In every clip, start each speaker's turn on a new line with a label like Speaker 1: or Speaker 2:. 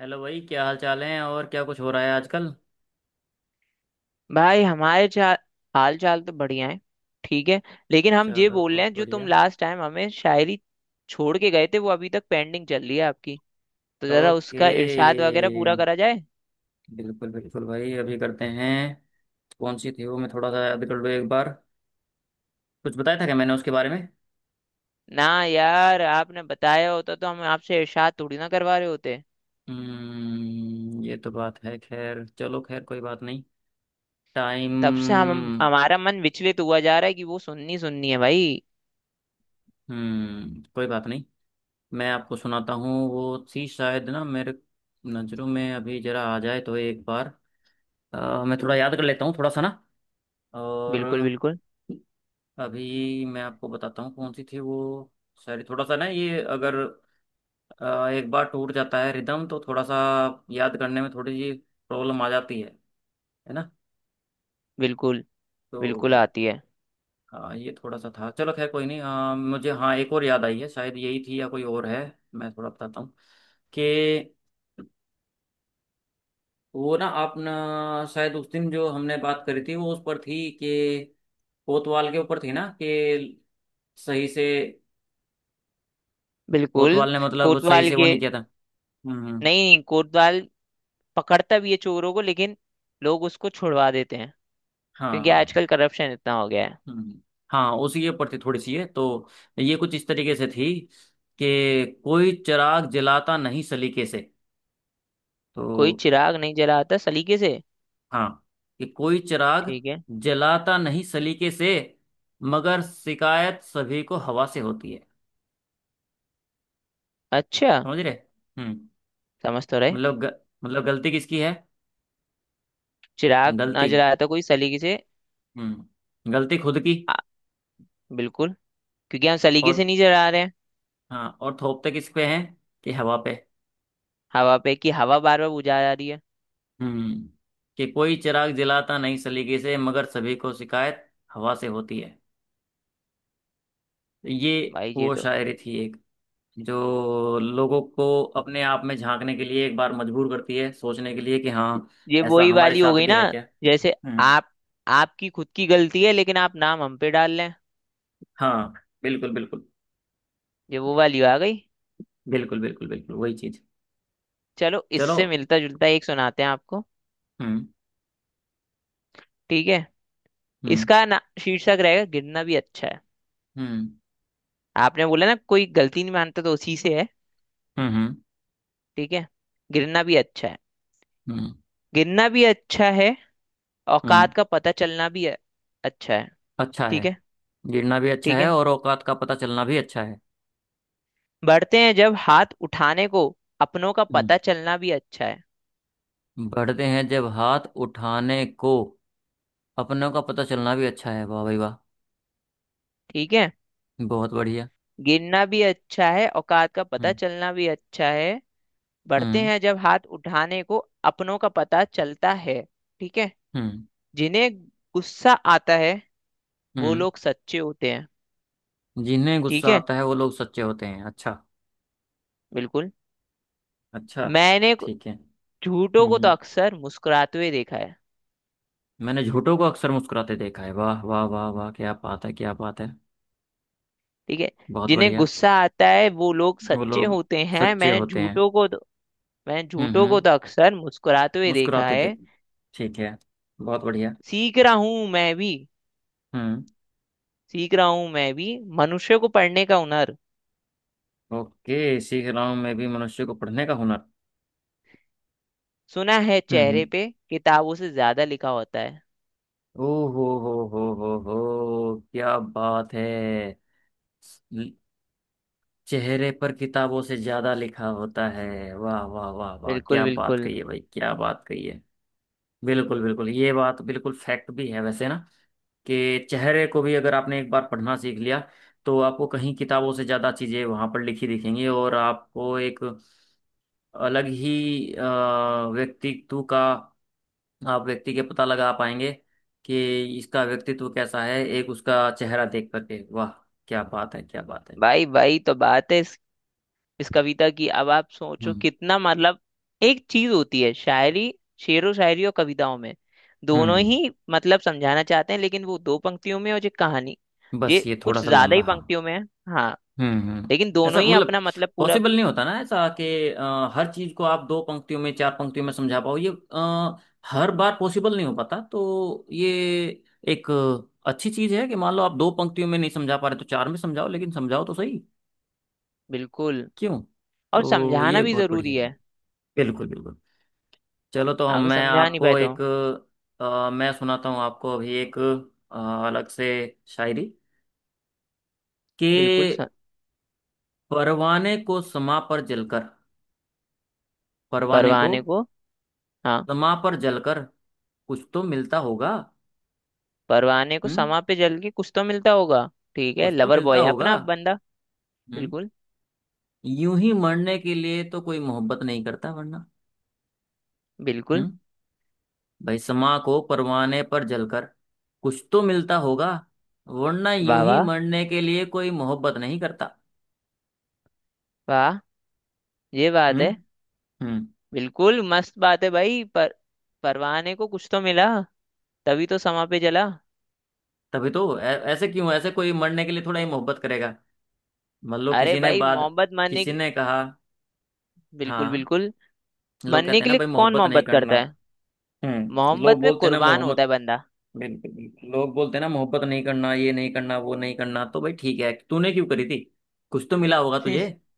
Speaker 1: Hello भाई, क्या हाल चाल है और क्या कुछ हो रहा है आजकल।
Speaker 2: भाई हमारे चाल हाल चाल तो बढ़िया है। ठीक है। लेकिन हम ये
Speaker 1: चलो,
Speaker 2: बोल रहे
Speaker 1: बहुत
Speaker 2: हैं जो तुम
Speaker 1: बढ़िया।
Speaker 2: लास्ट टाइम हमें शायरी छोड़ के गए थे वो अभी तक पेंडिंग चल रही है आपकी। तो जरा
Speaker 1: ओके।
Speaker 2: उसका इरशाद वगैरह पूरा करा जाए।
Speaker 1: बिल्कुल बिल्कुल भाई, अभी करते हैं। कौन सी थी वो, मैं थोड़ा सा याद कर लूँ एक बार। कुछ बताया था क्या मैंने उसके बारे में?
Speaker 2: ना यार आपने बताया होता तो हम आपसे इरशाद थोड़ी ना करवा रहे होते।
Speaker 1: ये तो बात है। खैर चलो, खैर कोई बात नहीं। टाइम।
Speaker 2: तब से हम हमारा मन विचलित हुआ जा रहा है कि वो सुननी सुननी है भाई।
Speaker 1: कोई बात नहीं। मैं आपको सुनाता हूँ, वो थी शायद, ना मेरे नज़रों में अभी जरा आ जाए तो एक बार। मैं थोड़ा याद कर लेता हूँ थोड़ा सा ना। और,
Speaker 2: बिल्कुल बिल्कुल
Speaker 1: अभी मैं आपको बताता हूँ कौन सी थी वो। सॉरी, थोड़ा सा ना, ये अगर एक बार टूट जाता है रिदम तो थोड़ा सा याद करने में थोड़ी सी प्रॉब्लम आ जाती है। है ना?
Speaker 2: बिल्कुल। बिल्कुल
Speaker 1: तो
Speaker 2: आती है।
Speaker 1: हाँ, ये थोड़ा सा था। चलो, खैर कोई नहीं। हाँ मुझे, हाँ, एक और याद आई है, शायद यही थी या कोई और है। मैं थोड़ा बताता हूँ कि वो ना, आप ना, शायद उस दिन जो हमने बात करी थी वो उस पर थी कि, कोतवाल के ऊपर थी ना, कि सही से
Speaker 2: बिल्कुल।
Speaker 1: कोतवाल ने मतलब सही
Speaker 2: कोतवाल
Speaker 1: से वो
Speaker 2: के।
Speaker 1: नहीं किया था। हम्म,
Speaker 2: नहीं कोतवाल पकड़ता भी है चोरों को लेकिन लोग उसको छुड़वा देते हैं क्योंकि
Speaker 1: हाँ।
Speaker 2: आजकल करप्शन इतना हो गया है।
Speaker 1: हम्म, हाँ, उसी के ऊपर थी थोड़ी सी, ये तो ये कुछ इस तरीके से थी कि कोई चिराग जलाता नहीं सलीके से।
Speaker 2: कोई
Speaker 1: तो
Speaker 2: चिराग नहीं जलाता सलीके से।
Speaker 1: हाँ, कि कोई चिराग
Speaker 2: ठीक है।
Speaker 1: जलाता नहीं सलीके से मगर शिकायत सभी को हवा से होती है।
Speaker 2: अच्छा।
Speaker 1: समझ रहे? हम्म।
Speaker 2: समझ तो रहे।
Speaker 1: मतलब ग, मतलब गलती किसकी है?
Speaker 2: चिराग ना
Speaker 1: गलती,
Speaker 2: जलाता कोई सलीके से।
Speaker 1: हम्म, गलती खुद की।
Speaker 2: आ, बिल्कुल। क्योंकि हम सलीके से
Speaker 1: और
Speaker 2: नहीं जला रहे हैं।
Speaker 1: हाँ, और थोपते किस पे है? कि हवा पे।
Speaker 2: हवा पे कि हवा बार बार बुझा जा रही है।
Speaker 1: हम्म कि कोई चिराग जलाता नहीं सलीके से मगर सभी को शिकायत हवा से होती है। ये
Speaker 2: भाई ये
Speaker 1: वो
Speaker 2: तो।
Speaker 1: शायरी थी एक, जो लोगों को अपने आप में झांकने के लिए एक बार मजबूर करती है सोचने के लिए, कि हाँ,
Speaker 2: ये
Speaker 1: ऐसा
Speaker 2: वही
Speaker 1: हमारे
Speaker 2: वाली हो
Speaker 1: साथ
Speaker 2: गई
Speaker 1: भी
Speaker 2: ना।
Speaker 1: है क्या।
Speaker 2: जैसे
Speaker 1: हम्म।
Speaker 2: आप आपकी खुद की गलती है लेकिन आप नाम हम पे डाल लें।
Speaker 1: हाँ, बिल्कुल बिल्कुल।
Speaker 2: ये वो वाली आ गई।
Speaker 1: बिल्कुल बिल्कुल बिल्कुल वही चीज।
Speaker 2: चलो
Speaker 1: चलो।
Speaker 2: इससे मिलता जुलता एक सुनाते हैं आपको।
Speaker 1: हम्म,
Speaker 2: ठीक है।
Speaker 1: हम्म,
Speaker 2: इसका ना शीर्षक रहेगा गिरना भी अच्छा है।
Speaker 1: हम्म,
Speaker 2: आपने बोला ना कोई गलती नहीं मानता तो उसी से है।
Speaker 1: हम्म, हम्म,
Speaker 2: ठीक है। गिरना भी अच्छा है।
Speaker 1: हम्म,
Speaker 2: गिरना भी अच्छा है।
Speaker 1: हम्म।
Speaker 2: औकात का पता चलना भी अच्छा है।
Speaker 1: अच्छा है।
Speaker 2: ठीक है।
Speaker 1: गिरना भी अच्छा
Speaker 2: ठीक
Speaker 1: है
Speaker 2: है।
Speaker 1: और औकात का पता चलना भी अच्छा है।
Speaker 2: बढ़ते हैं जब हाथ उठाने को अपनों का
Speaker 1: हम्म।
Speaker 2: पता चलना भी अच्छा है।
Speaker 1: बढ़ते हैं जब हाथ उठाने को, अपनों का पता चलना भी अच्छा है। वाह भाई वाह।
Speaker 2: ठीक है।
Speaker 1: बहुत बढ़िया।
Speaker 2: गिरना भी अच्छा है औकात का पता
Speaker 1: हम्म,
Speaker 2: चलना भी अच्छा है। बढ़ते
Speaker 1: हम्म,
Speaker 2: हैं जब हाथ उठाने को अपनों का पता चलता है। ठीक है।
Speaker 1: हम्म,
Speaker 2: जिन्हें गुस्सा आता है वो
Speaker 1: हम्म।
Speaker 2: लोग सच्चे होते हैं।
Speaker 1: जिन्हें
Speaker 2: ठीक
Speaker 1: गुस्सा
Speaker 2: है।
Speaker 1: आता है वो लोग सच्चे होते हैं। अच्छा।
Speaker 2: बिल्कुल।
Speaker 1: अच्छा।
Speaker 2: मैंने
Speaker 1: ठीक है।
Speaker 2: झूठों
Speaker 1: हम्म,
Speaker 2: को तो
Speaker 1: हम्म।
Speaker 2: अक्सर मुस्कुराते हुए देखा है।
Speaker 1: मैंने झूठों को अक्सर मुस्कुराते देखा है। वाह वाह वाह वाह, क्या बात है, क्या बात है।
Speaker 2: ठीक है।
Speaker 1: बहुत
Speaker 2: जिन्हें
Speaker 1: बढ़िया।
Speaker 2: गुस्सा आता है वो लोग
Speaker 1: वो
Speaker 2: सच्चे
Speaker 1: लोग
Speaker 2: होते हैं।
Speaker 1: सच्चे होते हैं।
Speaker 2: मैंने
Speaker 1: हम्म,
Speaker 2: झूठों को
Speaker 1: हम्म।
Speaker 2: तो अक्सर मुस्कुराते हुए देखा
Speaker 1: मुस्कुराते
Speaker 2: है।
Speaker 1: देख। ठीक है। बहुत बढ़िया।
Speaker 2: सीख रहा हूं मैं भी
Speaker 1: हम्म।
Speaker 2: सीख रहा हूं मैं भी मनुष्य को पढ़ने का हुनर।
Speaker 1: ओके, सीख रहा हूँ मैं भी मनुष्य को पढ़ने का हुनर।
Speaker 2: सुना है
Speaker 1: हम्म,
Speaker 2: चेहरे
Speaker 1: हम्म।
Speaker 2: पे किताबों से ज्यादा लिखा होता है।
Speaker 1: ओ हो, क्या बात है। चेहरे पर किताबों से ज्यादा लिखा होता है। वाह वाह वाह वाह,
Speaker 2: बिल्कुल
Speaker 1: क्या बात
Speaker 2: बिल्कुल।
Speaker 1: कही है भाई, क्या बात कही है। बिल्कुल बिल्कुल, ये बात बिल्कुल फैक्ट भी है वैसे ना। कि चेहरे को भी अगर आपने एक बार पढ़ना सीख लिया, तो आपको कहीं किताबों से ज्यादा चीजें वहां पर लिखी दिखेंगी, और आपको एक अलग ही व्यक्तित्व का, आप व्यक्ति के पता लगा पाएंगे कि इसका व्यक्तित्व कैसा है एक उसका चेहरा देख करके। वाह, क्या बात है, क्या बात है।
Speaker 2: भाई भाई तो बात है इस कविता की। अब आप सोचो
Speaker 1: हम्म,
Speaker 2: कितना मतलब। एक चीज होती है शायरी। शेरो शायरी और कविताओं में दोनों
Speaker 1: हम्म।
Speaker 2: ही मतलब समझाना चाहते हैं लेकिन वो दो पंक्तियों में और ये कहानी ये
Speaker 1: बस ये थोड़ा
Speaker 2: कुछ
Speaker 1: सा
Speaker 2: ज्यादा
Speaker 1: लंबा,
Speaker 2: ही
Speaker 1: हाँ।
Speaker 2: पंक्तियों में है। हाँ।
Speaker 1: हम्म, हम्म।
Speaker 2: लेकिन दोनों
Speaker 1: ऐसा
Speaker 2: ही अपना
Speaker 1: मतलब
Speaker 2: मतलब पूरा।
Speaker 1: पॉसिबल नहीं होता ना, ऐसा कि हर चीज को आप दो पंक्तियों में चार पंक्तियों में समझा पाओ, ये हर बार पॉसिबल नहीं हो पाता, तो ये एक अच्छी चीज है कि मान लो आप दो पंक्तियों में नहीं समझा पा रहे तो चार में समझाओ, लेकिन समझाओ तो सही।
Speaker 2: बिल्कुल।
Speaker 1: क्यों?
Speaker 2: और
Speaker 1: तो
Speaker 2: समझाना
Speaker 1: ये
Speaker 2: भी
Speaker 1: बहुत
Speaker 2: जरूरी
Speaker 1: बढ़िया है।
Speaker 2: है
Speaker 1: बिल्कुल बिल्कुल। चलो, तो हम
Speaker 2: अगर
Speaker 1: मैं
Speaker 2: समझा नहीं पाए
Speaker 1: आपको
Speaker 2: तो।
Speaker 1: एक, मैं सुनाता हूँ आपको अभी एक अ, अलग से शायरी, कि
Speaker 2: बिल्कुल।
Speaker 1: परवाने को समा पर जलकर, परवाने को
Speaker 2: परवाने को। हाँ।
Speaker 1: दमा पर जलकर कुछ तो मिलता होगा।
Speaker 2: परवाने को
Speaker 1: हम्म।
Speaker 2: समा पे जल के कुछ तो मिलता होगा। ठीक है
Speaker 1: कुछ तो
Speaker 2: लवर
Speaker 1: मिलता
Speaker 2: बॉय है
Speaker 1: होगा।
Speaker 2: अपना बंदा।
Speaker 1: हम्म।
Speaker 2: बिल्कुल
Speaker 1: यूं ही मरने के लिए तो कोई मोहब्बत नहीं करता वरना।
Speaker 2: बिल्कुल।
Speaker 1: हम्म। भाई, समा को परवाने पर जलकर कुछ तो मिलता होगा, वरना
Speaker 2: वाह
Speaker 1: यूं ही
Speaker 2: वाह
Speaker 1: मरने के लिए कोई मोहब्बत नहीं करता।
Speaker 2: वाह। ये बात
Speaker 1: हम्म,
Speaker 2: है।
Speaker 1: हम्म।
Speaker 2: बिल्कुल मस्त बात है भाई। पर परवाने को कुछ तो मिला तभी तो समा पे जला।
Speaker 1: तभी तो ऐसे, क्यों ऐसे कोई मरने के लिए थोड़ा ही मोहब्बत करेगा। मान लो
Speaker 2: अरे
Speaker 1: किसी ने
Speaker 2: भाई
Speaker 1: बाद, किसी ने कहा,
Speaker 2: बिल्कुल
Speaker 1: हाँ,
Speaker 2: बिल्कुल।
Speaker 1: लोग कहते
Speaker 2: मानने
Speaker 1: हैं
Speaker 2: के
Speaker 1: ना
Speaker 2: लिए
Speaker 1: भाई,
Speaker 2: कौन
Speaker 1: मोहब्बत नहीं
Speaker 2: मोहब्बत
Speaker 1: करना।
Speaker 2: करता है।
Speaker 1: लोग
Speaker 2: मोहब्बत में
Speaker 1: बोलते हैं ना
Speaker 2: कुर्बान होता
Speaker 1: मोहब्बत।
Speaker 2: है बंदा।
Speaker 1: बिल्कुल, लोग बोलते हैं ना मोहब्बत नहीं करना, ये नहीं करना, वो नहीं करना, तो भाई ठीक है, तूने क्यों करी थी? कुछ तो मिला होगा तुझे।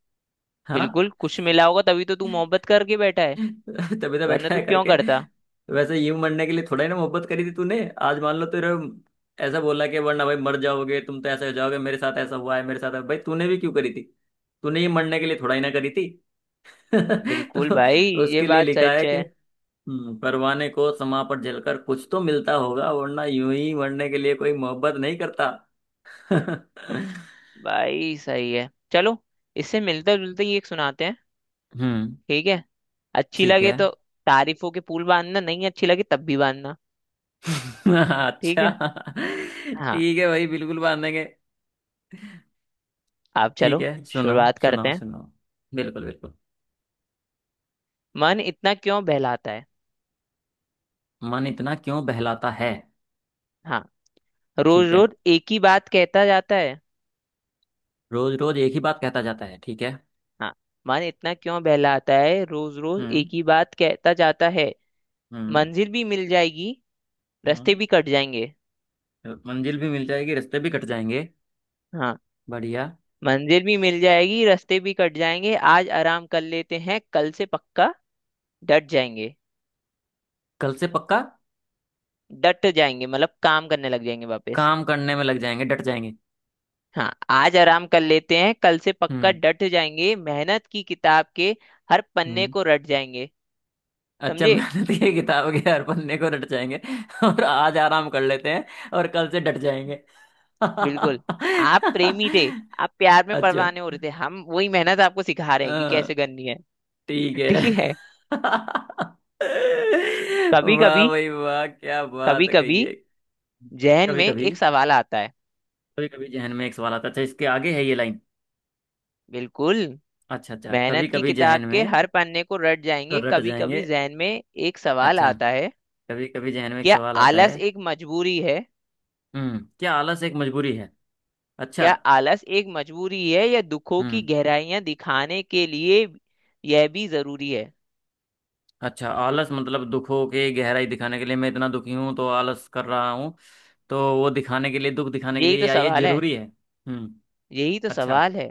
Speaker 1: हाँ।
Speaker 2: बिल्कुल कुछ मिला होगा तभी तो तू मोहब्बत करके बैठा है।
Speaker 1: तभी तो
Speaker 2: वरना
Speaker 1: बैठा
Speaker 2: तू
Speaker 1: है
Speaker 2: क्यों
Speaker 1: करके।
Speaker 2: करता।
Speaker 1: वैसे यूं मरने के लिए थोड़ा ही ना मोहब्बत करी थी तूने। आज मान लो तेरे ऐसा बोला कि वरना भाई मर जाओगे तुम, तो ऐसे हो जाओगे, मेरे साथ ऐसा हुआ है, मेरे साथ है। भाई तूने भी क्यों करी थी? तूने ये मरने के लिए थोड़ा ही ना करी थी।
Speaker 2: बिल्कुल भाई
Speaker 1: तो
Speaker 2: ये
Speaker 1: उसके लिए
Speaker 2: बात
Speaker 1: लिखा है।
Speaker 2: सच है।
Speaker 1: परवाने को समा पर जलकर कुछ तो मिलता होगा, वरना यूं ही मरने के लिए कोई मोहब्बत नहीं करता। हम्म।
Speaker 2: भाई सही है। चलो इससे मिलता जुलता ही एक सुनाते हैं। ठीक है। अच्छी
Speaker 1: ठीक
Speaker 2: लगे
Speaker 1: है।
Speaker 2: तो तारीफों के पुल बांधना नहीं अच्छी लगे तब भी बांधना। ठीक है।
Speaker 1: अच्छा।
Speaker 2: हाँ।
Speaker 1: ठीक है भाई, बिल्कुल बांधेंगे।
Speaker 2: आप
Speaker 1: ठीक
Speaker 2: चलो
Speaker 1: है, सुनाओ,
Speaker 2: शुरुआत करते
Speaker 1: सुनाओ,
Speaker 2: हैं।
Speaker 1: सुनाओ। बिल्कुल बिल्कुल।
Speaker 2: मन इतना क्यों बहलाता है।
Speaker 1: मन इतना क्यों बहलाता है?
Speaker 2: हाँ। रोज
Speaker 1: ठीक है।
Speaker 2: रोज एक ही बात कहता जाता है।
Speaker 1: रोज रोज एक ही बात कहता जाता है। ठीक है।
Speaker 2: हाँ। मन इतना क्यों बहलाता है रोज रोज
Speaker 1: हम्म,
Speaker 2: एक ही बात कहता जाता है।
Speaker 1: हम्म।
Speaker 2: मंजिल भी मिल जाएगी रास्ते
Speaker 1: हम्म,
Speaker 2: भी कट जाएंगे।
Speaker 1: मंजिल भी मिल जाएगी, रास्ते भी कट जाएंगे।
Speaker 2: हाँ।
Speaker 1: बढ़िया।
Speaker 2: मंजिल भी मिल जाएगी रास्ते भी कट जाएंगे आज आराम कर लेते हैं कल से पक्का डट जाएंगे।
Speaker 1: कल से पक्का,
Speaker 2: डट जाएंगे मतलब काम करने लग जाएंगे वापस।
Speaker 1: काम करने में लग जाएंगे, डट जाएंगे।
Speaker 2: हाँ। आज आराम कर लेते हैं कल से पक्का
Speaker 1: हम्म,
Speaker 2: डट जाएंगे मेहनत की किताब के हर पन्ने
Speaker 1: हम्म।
Speaker 2: को रट जाएंगे।
Speaker 1: अच्छा,
Speaker 2: समझे।
Speaker 1: मेहनत की किताब के हर पन्ने को रट जाएंगे। और आज आराम कर लेते हैं और कल से डट जाएंगे।
Speaker 2: बिल्कुल। आप
Speaker 1: अच्छा।
Speaker 2: प्रेमी थे। आप प्यार में परवाने हो रहे थे हम वही मेहनत आपको सिखा रहे हैं कि
Speaker 1: हाँ,
Speaker 2: कैसे करनी है।
Speaker 1: ठीक है।
Speaker 2: ठीक है। कभी
Speaker 1: वाह
Speaker 2: कभी।
Speaker 1: भाई वाह, क्या
Speaker 2: कभी
Speaker 1: बात कही
Speaker 2: कभी
Speaker 1: है, कहिए।
Speaker 2: जहन
Speaker 1: कभी
Speaker 2: में
Speaker 1: कभी,
Speaker 2: एक सवाल आता है।
Speaker 1: कभी कभी जहन में एक सवाल आता। अच्छा, इसके आगे है ये लाइन।
Speaker 2: बिल्कुल।
Speaker 1: अच्छा, अच्छा, कभी
Speaker 2: मेहनत की
Speaker 1: कभी
Speaker 2: किताब
Speaker 1: जहन
Speaker 2: के
Speaker 1: में,
Speaker 2: हर पन्ने को रट
Speaker 1: तो
Speaker 2: जाएंगे।
Speaker 1: रट
Speaker 2: कभी
Speaker 1: जाएंगे।
Speaker 2: कभी जहन में एक सवाल
Speaker 1: अच्छा,
Speaker 2: आता है।
Speaker 1: कभी कभी जहन में एक
Speaker 2: क्या
Speaker 1: सवाल आता है।
Speaker 2: आलस एक मजबूरी है।
Speaker 1: हम्म, क्या आलस एक मजबूरी है? अच्छा।
Speaker 2: क्या आलस एक मजबूरी है या दुखों की
Speaker 1: हम्म।
Speaker 2: गहराइयां दिखाने के लिए यह भी जरूरी है।
Speaker 1: अच्छा, आलस मतलब दुखों के गहराई दिखाने के लिए, मैं इतना दुखी हूँ तो आलस कर रहा हूँ, तो वो दिखाने के लिए, दुख दिखाने के
Speaker 2: यही
Speaker 1: लिए,
Speaker 2: तो
Speaker 1: या ये
Speaker 2: सवाल है।
Speaker 1: जरूरी है? हम्म।
Speaker 2: यही तो
Speaker 1: अच्छा।
Speaker 2: सवाल है।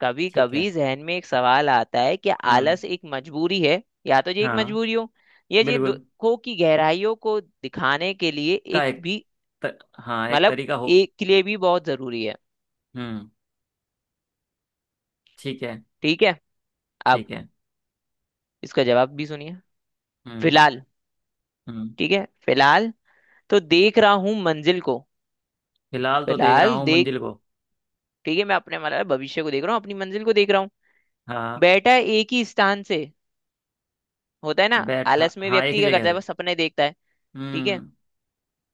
Speaker 2: कभी
Speaker 1: ठीक है।
Speaker 2: कभी जहन में एक सवाल आता है कि
Speaker 1: हम्म।
Speaker 2: आलस एक मजबूरी है या तो ये एक
Speaker 1: हाँ।
Speaker 2: मजबूरी हो या ये
Speaker 1: बिल्कुल।
Speaker 2: दुखों की गहराइयों को दिखाने के लिए
Speaker 1: का
Speaker 2: एक
Speaker 1: एक,
Speaker 2: भी।
Speaker 1: हाँ, एक
Speaker 2: मतलब
Speaker 1: तरीका हो।
Speaker 2: एक के लिए भी बहुत जरूरी है।
Speaker 1: हम्म। ठीक है।
Speaker 2: ठीक है। अब
Speaker 1: ठीक है।
Speaker 2: इसका जवाब भी सुनिए।
Speaker 1: हम्म,
Speaker 2: फिलहाल।
Speaker 1: हम्म।
Speaker 2: ठीक है। फिलहाल तो देख रहा हूँ मंजिल को।
Speaker 1: फिलहाल तो देख रहा
Speaker 2: फिलहाल
Speaker 1: हूँ
Speaker 2: देख
Speaker 1: मंजिल को।
Speaker 2: ठीक है। मैं अपने मतलब भविष्य को देख रहा हूँ अपनी मंजिल को देख रहा हूँ।
Speaker 1: हाँ,
Speaker 2: बैठा एक ही स्थान से। होता है ना।
Speaker 1: बैठा,
Speaker 2: आलस में
Speaker 1: हाँ, एक
Speaker 2: व्यक्ति
Speaker 1: ही
Speaker 2: क्या
Speaker 1: जगह
Speaker 2: करता है
Speaker 1: से।
Speaker 2: बस सपने देखता है। ठीक है।
Speaker 1: हम्म,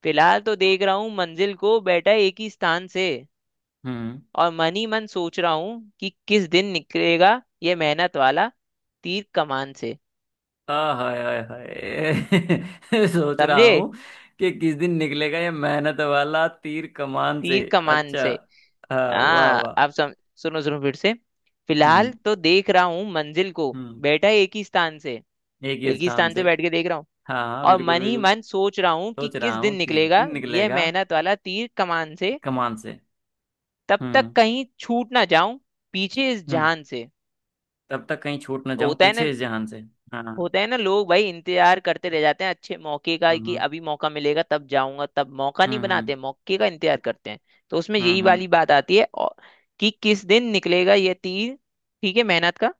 Speaker 2: फिलहाल तो देख रहा हूँ मंजिल को बैठा एक ही स्थान से
Speaker 1: हम्म।
Speaker 2: और मन ही मन सोच रहा हूँ कि किस दिन निकलेगा ये मेहनत वाला तीर कमान से।
Speaker 1: आ हाय हाय हाय, सोच रहा
Speaker 2: समझे।
Speaker 1: हूँ कि किस दिन निकलेगा ये मेहनत वाला तीर कमान से।
Speaker 2: तीर कमान
Speaker 1: अच्छा,
Speaker 2: से।
Speaker 1: हाँ, वाह
Speaker 2: हाँ।
Speaker 1: वाह।
Speaker 2: अब सुनो सुनो फिर से। फिलहाल
Speaker 1: हम्म,
Speaker 2: तो देख रहा हूँ मंजिल को
Speaker 1: हम्म।
Speaker 2: बैठा एक ही स्थान से।
Speaker 1: एक ही
Speaker 2: एक ही
Speaker 1: स्थान
Speaker 2: स्थान
Speaker 1: से।
Speaker 2: से बैठ के देख रहा हूँ।
Speaker 1: हाँ हाँ,
Speaker 2: और
Speaker 1: बिल्कुल
Speaker 2: मन ही
Speaker 1: बिल्कुल।
Speaker 2: मन सोच रहा हूँ कि
Speaker 1: सोच
Speaker 2: किस
Speaker 1: रहा
Speaker 2: दिन
Speaker 1: हूँ किस
Speaker 2: निकलेगा
Speaker 1: दिन
Speaker 2: यह
Speaker 1: निकलेगा
Speaker 2: मेहनत वाला तीर कमान से।
Speaker 1: कमान से।
Speaker 2: तब तक
Speaker 1: हम्म,
Speaker 2: कहीं छूट ना जाऊं पीछे इस
Speaker 1: हम्म।
Speaker 2: जहान से।
Speaker 1: तब तक कहीं छूट ना जाऊं
Speaker 2: होता है ना।
Speaker 1: पीछे इस जहान से। हाँ।
Speaker 2: होता है ना लोग भाई इंतजार करते रह जाते हैं अच्छे मौके का
Speaker 1: हम्म,
Speaker 2: कि
Speaker 1: हम्म,
Speaker 2: अभी मौका मिलेगा तब जाऊंगा। तब मौका नहीं
Speaker 1: हम्म, हम्म,
Speaker 2: बनाते मौके का इंतजार करते हैं। तो उसमें
Speaker 1: हम्म,
Speaker 2: यही वाली बात आती है। और कि किस दिन निकलेगा ये तीर। ठीक है मेहनत का।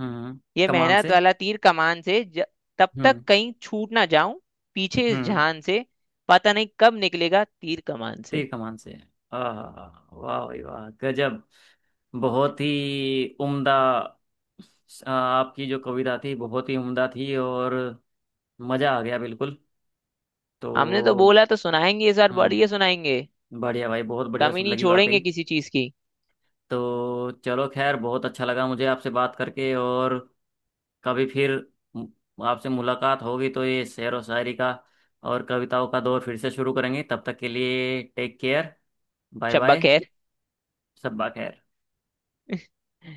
Speaker 1: हम्म,
Speaker 2: ये
Speaker 1: कमान
Speaker 2: मेहनत
Speaker 1: से।
Speaker 2: वाला तीर कमान से तब तक
Speaker 1: हम्म,
Speaker 2: कहीं छूट ना जाऊं पीछे इस
Speaker 1: हम्म।
Speaker 2: जान से। पता नहीं कब निकलेगा तीर कमान से।
Speaker 1: तीर कमान से। आहा, वाह भाई वाह, गजब। बहुत ही उम्दा। आपकी जो कविता थी बहुत ही उम्दा थी, और मज़ा आ गया बिल्कुल। तो
Speaker 2: हमने तो बोला तो सुनाएंगे इस बार बढ़िया
Speaker 1: हम्म,
Speaker 2: सुनाएंगे।
Speaker 1: बढ़िया भाई, बहुत बढ़िया
Speaker 2: कमी
Speaker 1: सुन
Speaker 2: नहीं
Speaker 1: लगी वाकई।
Speaker 2: छोड़ेंगे किसी चीज की।
Speaker 1: तो चलो, खैर बहुत अच्छा लगा मुझे आपसे बात करके, और कभी फिर आपसे मुलाकात होगी तो ये शेर और शायरी का और कविताओं का दौर फिर से शुरू करेंगे, तब तक के लिए टेक केयर। बाय
Speaker 2: शब्बा
Speaker 1: बाय।
Speaker 2: खैर।
Speaker 1: सब खैर।